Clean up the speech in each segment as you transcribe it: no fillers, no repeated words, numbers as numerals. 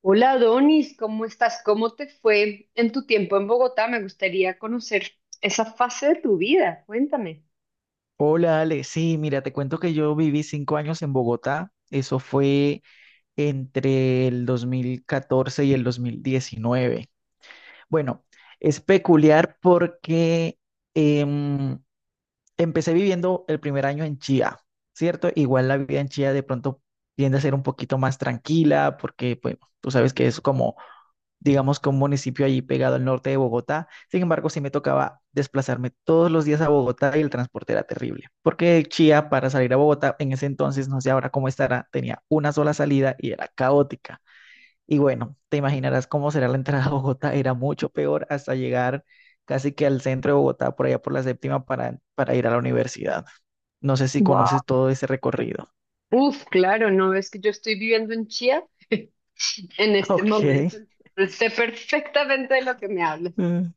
Hola Donis, ¿cómo estás? ¿Cómo te fue en tu tiempo en Bogotá? Me gustaría conocer esa fase de tu vida. Cuéntame. Hola Ale, sí, mira, te cuento que yo viví 5 años en Bogotá, eso fue entre el 2014 y el 2019. Bueno, es peculiar porque em, empecé viviendo el primer año en Chía, ¿cierto? Igual la vida en Chía de pronto tiende a ser un poquito más tranquila porque, pues, tú sabes que es como digamos que un municipio allí pegado al norte de Bogotá. Sin embargo, sí me tocaba desplazarme todos los días a Bogotá y el transporte era terrible, porque de Chía para salir a Bogotá en ese entonces, no sé ahora cómo estará, tenía una sola salida y era caótica. Y bueno, te imaginarás cómo será la entrada a Bogotá, era mucho peor hasta llegar casi que al centro de Bogotá, por allá por la séptima, para ir a la universidad. No sé si Wow. conoces todo ese recorrido. Uf, claro, no es que yo estoy viviendo en Chía en este Ok. momento. Sé perfectamente de lo que me hablas. Mm.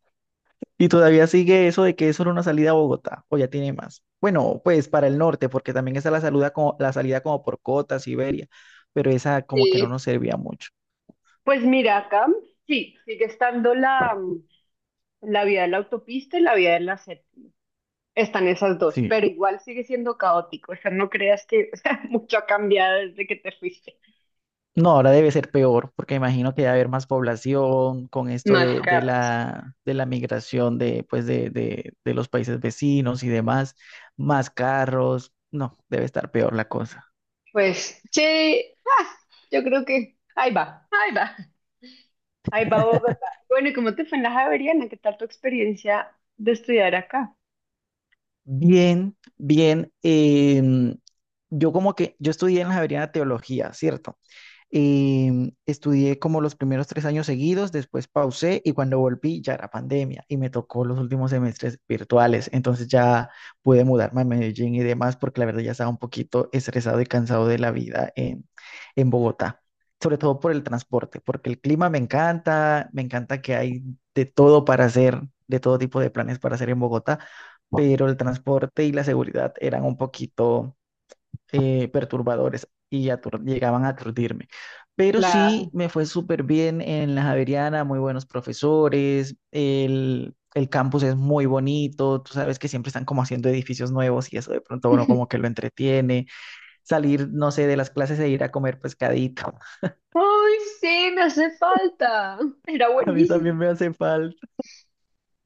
Y todavía sigue eso de que es solo una salida a Bogotá, o ya tiene más. Bueno, pues para el norte, porque también está la salida como por Cota, Siberia, pero esa como que no Eh, nos servía mucho. pues mira, acá sí, sigue estando la vía de la autopista y la vía de la séptima. Están esas dos, Sí, pero igual sigue siendo caótico. O sea, no creas que o sea, mucho ha cambiado desde que te fuiste. no, ahora debe ser peor, porque imagino que va a haber más población con esto Más de, de carros. la, de la migración pues de los países vecinos y demás, más carros. No, debe estar peor la cosa. Pues, che, yo creo que ahí va, ahí va, ahí va Bogotá. Bueno, ¿y cómo te fue en la Javeriana? ¿Qué tal tu experiencia de estudiar acá? Bien, bien. Yo estudié en la Javeriana Teología, ¿cierto? Y estudié como los primeros 3 años seguidos, después pausé y cuando volví ya era pandemia y me tocó los últimos semestres virtuales. Entonces ya pude mudarme a Medellín y demás porque la verdad ya estaba un poquito estresado y cansado de la vida en Bogotá, sobre todo por el transporte, porque el clima me encanta que hay de todo para hacer, de todo tipo de planes para hacer en Bogotá, pero el transporte y la seguridad eran un poquito perturbadores y llegaban a aturdirme. Pero La... sí me fue súper bien en la Javeriana, muy buenos profesores, el campus es muy bonito, tú sabes que siempre están como haciendo edificios nuevos y eso de pronto uno como que lo entretiene. Salir, no sé, de las clases e ir a comer pescadito. ¡Ay, sí, me hace falta! Era A mí también buenísimo. me hace falta,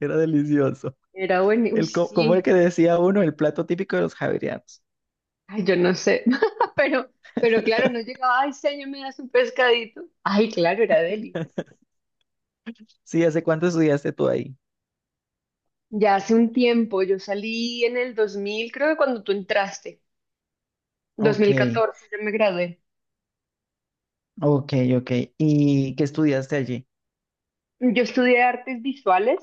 era delicioso. Era buenísimo, uy, Como el sí. que decía uno, el plato típico de los javerianos. Ay, yo no sé, pero, pero claro, no llegaba, ay, señor, me das un pescadito. Ay, claro, era deli. Sí, ¿hace cuánto estudiaste tú ahí? Ya hace un tiempo, yo salí en el 2000, creo que cuando tú entraste, Ok, 2014, yo me gradué. ok, ok. ¿Y qué estudiaste allí? Yo estudié artes visuales.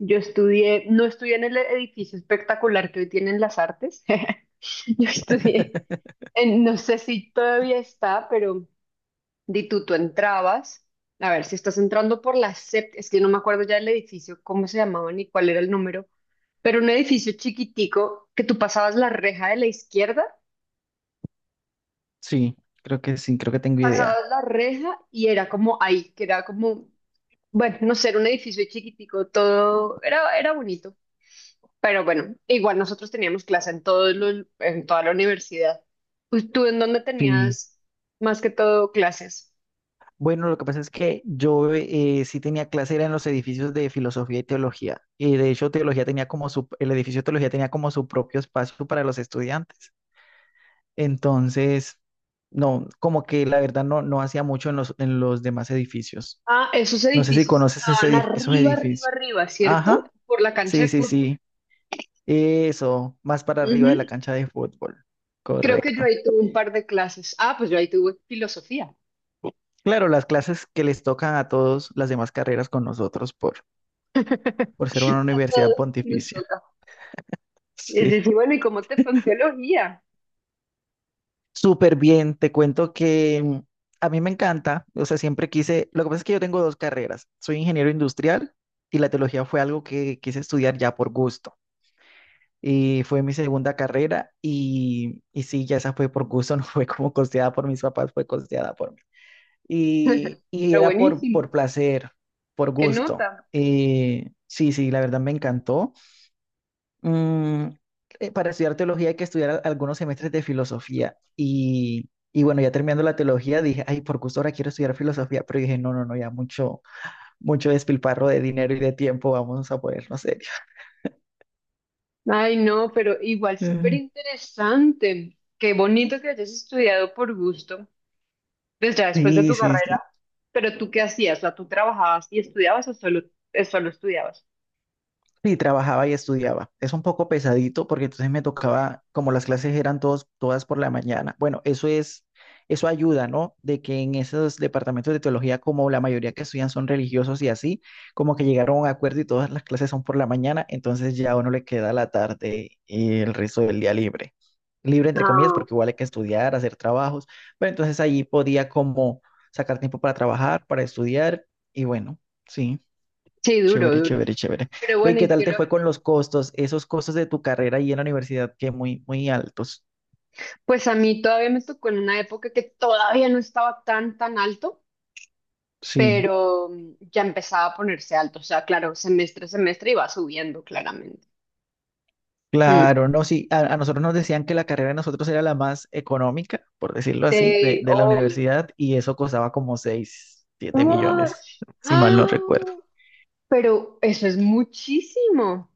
No estudié en el edificio espectacular que hoy tienen las artes. Yo estudié, no sé si todavía está, pero di tú entrabas. A ver, si estás entrando por la séptima, es que no me acuerdo ya del edificio, cómo se llamaba ni cuál era el número, pero un edificio chiquitico que tú pasabas la reja de la izquierda, Sí, sí, creo que tengo idea. pasabas la reja y era como ahí, que era como, bueno, no sé, era un edificio chiquitico, todo era bonito. Pero bueno, igual nosotros teníamos clase en en toda la universidad. Pues, ¿tú en dónde Sí. tenías más que todo clases? Bueno, lo que pasa es que yo sí tenía clase, era en los edificios de filosofía y teología. Y de hecho, teología tenía el edificio de teología tenía como su propio espacio para los estudiantes. Entonces, no, como que la verdad no hacía mucho en los demás edificios. Ah, esos No sé si edificios conoces ese estaban esos arriba, arriba, edificios. arriba, ¿cierto? Ajá, Por la cancha de sí, sí, fútbol. sí. Eso, más para arriba Ujú. de la cancha de fútbol. Creo que yo Correcto. ahí tuve un par de clases. Ah, pues yo ahí tuve filosofía. Claro, las clases que les tocan a todos las demás carreras con nosotros por ser una A universidad todos nos pontificia. toca. Es Sí, decir, bueno, ¿y cómo te fue en teología? súper bien. Te cuento que a mí me encanta, o sea, siempre quise, lo que pasa es que yo tengo dos carreras. Soy ingeniero industrial y la teología fue algo que quise estudiar ya por gusto. Y fue mi segunda carrera y sí, ya esa fue por gusto, no fue como costeada por mis papás, fue costeada por mí. Y Pero era por, buenísimo. por placer, por ¿Qué gusto. nota? Sí, sí, la verdad me encantó. mm, para estudiar teología hay que estudiar algunos semestres de filosofía. Y bueno, ya terminando la teología, dije, ay, por gusto ahora quiero estudiar filosofía, pero dije, no, no, no, ya mucho, mucho despilfarro de dinero y de tiempo, vamos a ponernos serios. Ay, no, pero igual súper Mm. interesante. Qué bonito que hayas estudiado por gusto. Pues ya después de Sí, tu sí, carrera, sí. ¿pero tú qué hacías? O sea, ¿tú trabajabas y estudiabas o solo estudiabas? Sí, trabajaba y estudiaba. Es un poco pesadito porque entonces me tocaba, como las clases eran todas por la mañana. Bueno, eso ayuda, ¿no? De que en esos departamentos de teología, como la mayoría que estudian son religiosos y así, como que llegaron a un acuerdo y todas las clases son por la mañana, entonces ya a uno le queda la tarde y el resto del día libre. Libre entre comillas, Ah, porque igual ok. hay que estudiar, hacer trabajos, pero entonces ahí podía como sacar tiempo para trabajar, para estudiar y bueno, sí. Sí, duro, Chévere, duro. chévere, chévere. Pero Ve, ¿y bueno, qué ¿y tal te fue con teología? los costos? Esos costos de tu carrera ahí en la universidad que muy, muy altos. Pues a mí todavía me tocó en una época que todavía no estaba tan, tan alto, Sí, pero ya empezaba a ponerse alto. O sea, claro, semestre a semestre iba subiendo claramente. Mm. claro, no, sí. A nosotros nos decían que la carrera de nosotros era la más económica, por decirlo así, de, Sí, de la obvio. universidad y eso costaba como 6 siete Wow. millones, si mal no recuerdo. ¡Ah! Pero eso es muchísimo.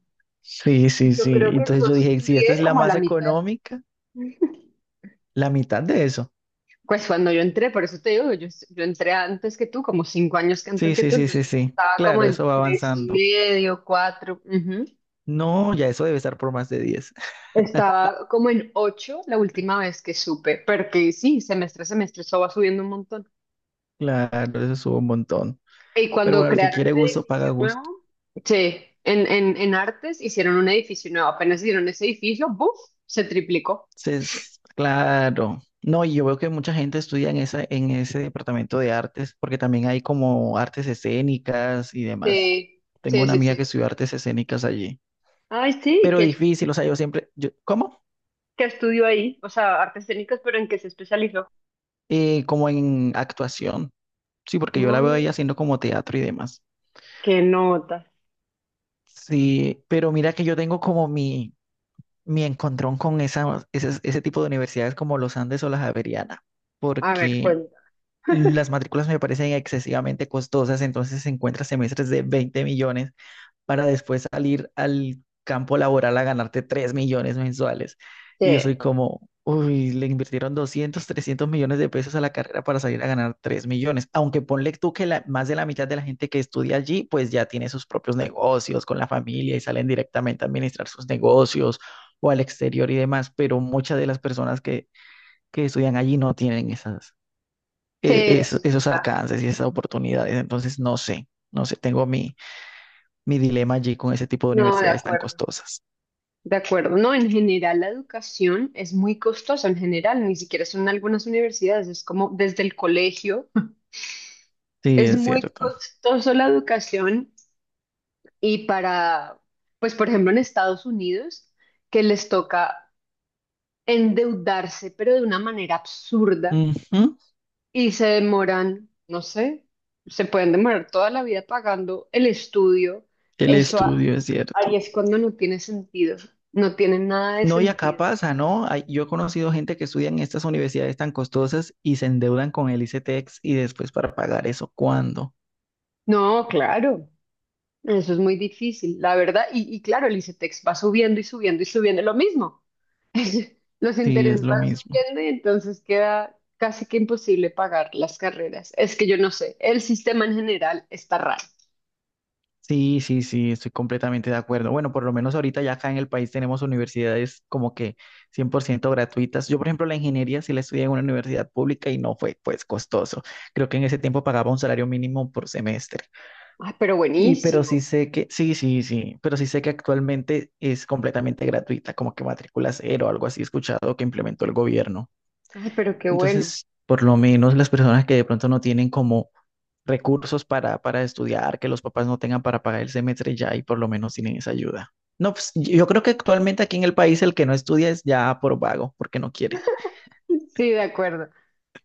Sí, sí, Yo sí. creo que yo Entonces yo dije, si esta estudié es la como a más la mitad. económica, la mitad de eso. Pues cuando yo entré, por eso te digo, yo entré antes que tú, como 5 años que antes Sí, que sí, tú, sí, sí, entonces sí. estaba como Claro, eso en va tres y avanzando. medio, cuatro, ujú. No, ya eso debe estar por más de 10. Estaba como en ocho la última vez que supe, porque sí, semestre a semestre eso va subiendo un montón. Claro, eso sube un montón. Y Pero cuando bueno, el que crearon quiere el gusto edificio paga nuevo, gusto. sí, en Artes hicieron un edificio nuevo, apenas hicieron ese edificio, ¡buf! Se triplicó. Entonces, claro. No, y yo veo que mucha gente estudia en ese departamento de artes, porque también hay como artes escénicas y demás. Sí, Tengo sí, una sí, amiga que sí. estudió artes escénicas allí. Ay, sí, Pero ¿qué, difícil, o sea, ¿cómo? qué estudió ahí? O sea, artes escénicas, pero ¿en qué se especializó? Como en actuación. Sí, porque yo la veo ahí Mm. haciendo como teatro y demás. ¿Qué notas? Sí, pero mira que yo tengo como mi encontrón con ese tipo de universidades como los Andes o la Javeriana, A ver, porque cuenta. las matrículas me parecen excesivamente costosas, entonces se encuentra semestres de 20 millones para después salir al campo laboral a ganarte 3 millones mensuales. Y yo soy Sí, como, uy, le invirtieron 200 300 millones de pesos a la carrera para salir a ganar 3 millones. Aunque ponle tú que más de la mitad de la gente que estudia allí, pues ya tiene sus propios negocios con la familia y salen directamente a administrar sus negocios o al exterior y demás, pero muchas de las personas que estudian allí no tienen esas sí, eso es esos verdad. alcances y esas oportunidades. Entonces, no sé, no sé, tengo mi dilema allí con ese tipo de No, de universidades tan acuerdo. costosas. De acuerdo. No, en general la educación es muy costosa, en general, ni siquiera son algunas universidades, es como desde el colegio. Sí, Es es muy cierto. costoso la educación y para, pues por ejemplo en Estados Unidos, que les toca endeudarse, pero de una manera absurda Ujú, y se demoran, no sé, se pueden demorar toda la vida pagando el estudio. el Eso estudio es cierto. Aries cuando no tiene sentido, no tiene nada de No, y acá sentido. pasa, ¿no? Yo he conocido gente que estudia en estas universidades tan costosas y se endeudan con el ICETEX y después para pagar eso, ¿cuándo? No, claro, eso es muy difícil, la verdad. Y claro, el ICETEX va subiendo y subiendo y subiendo lo mismo. Los Sí, es intereses lo van mismo. subiendo y entonces queda casi que imposible pagar las carreras. Es que yo no sé, el sistema en general está raro. Sí, sí, sí, estoy completamente de acuerdo. Bueno, por lo menos ahorita ya acá en el país tenemos universidades como que 100% gratuitas. Yo, por ejemplo, la ingeniería sí la estudié en una universidad pública y no fue pues costoso. Creo que en ese tiempo pagaba un salario mínimo por semestre. Ay, pero buenísimo. Sí, sí, sí, pero sí sé que actualmente es completamente gratuita, como que matrícula cero o algo así he escuchado que implementó el gobierno. Ay, pero qué bueno. Entonces, por lo menos las personas que de pronto no tienen como recursos para estudiar, que los papás no tengan para pagar el semestre ya y por lo menos tienen esa ayuda. No, pues yo creo que actualmente aquí en el país el que no estudia es ya por vago, porque no quiere. Sí, de acuerdo,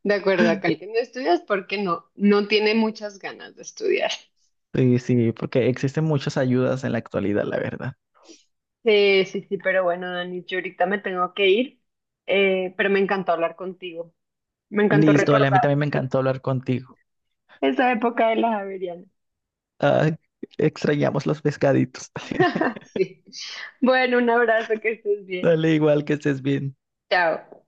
de acuerdo. Acá el que no estudias porque no, no tiene muchas ganas de estudiar. Sí, sí, porque existen muchas ayudas en la actualidad, la verdad. Sí, sí, sí, pero bueno, Dani, yo ahorita me tengo que ir, pero me encantó hablar contigo. Me encantó Listo, dale, a recordar mí también me encantó hablar contigo. esa época de las Javeriana. Ah, extrañamos los pescaditos. Sí. Bueno, un abrazo, que estés bien. Dale, igual que estés bien. Chao.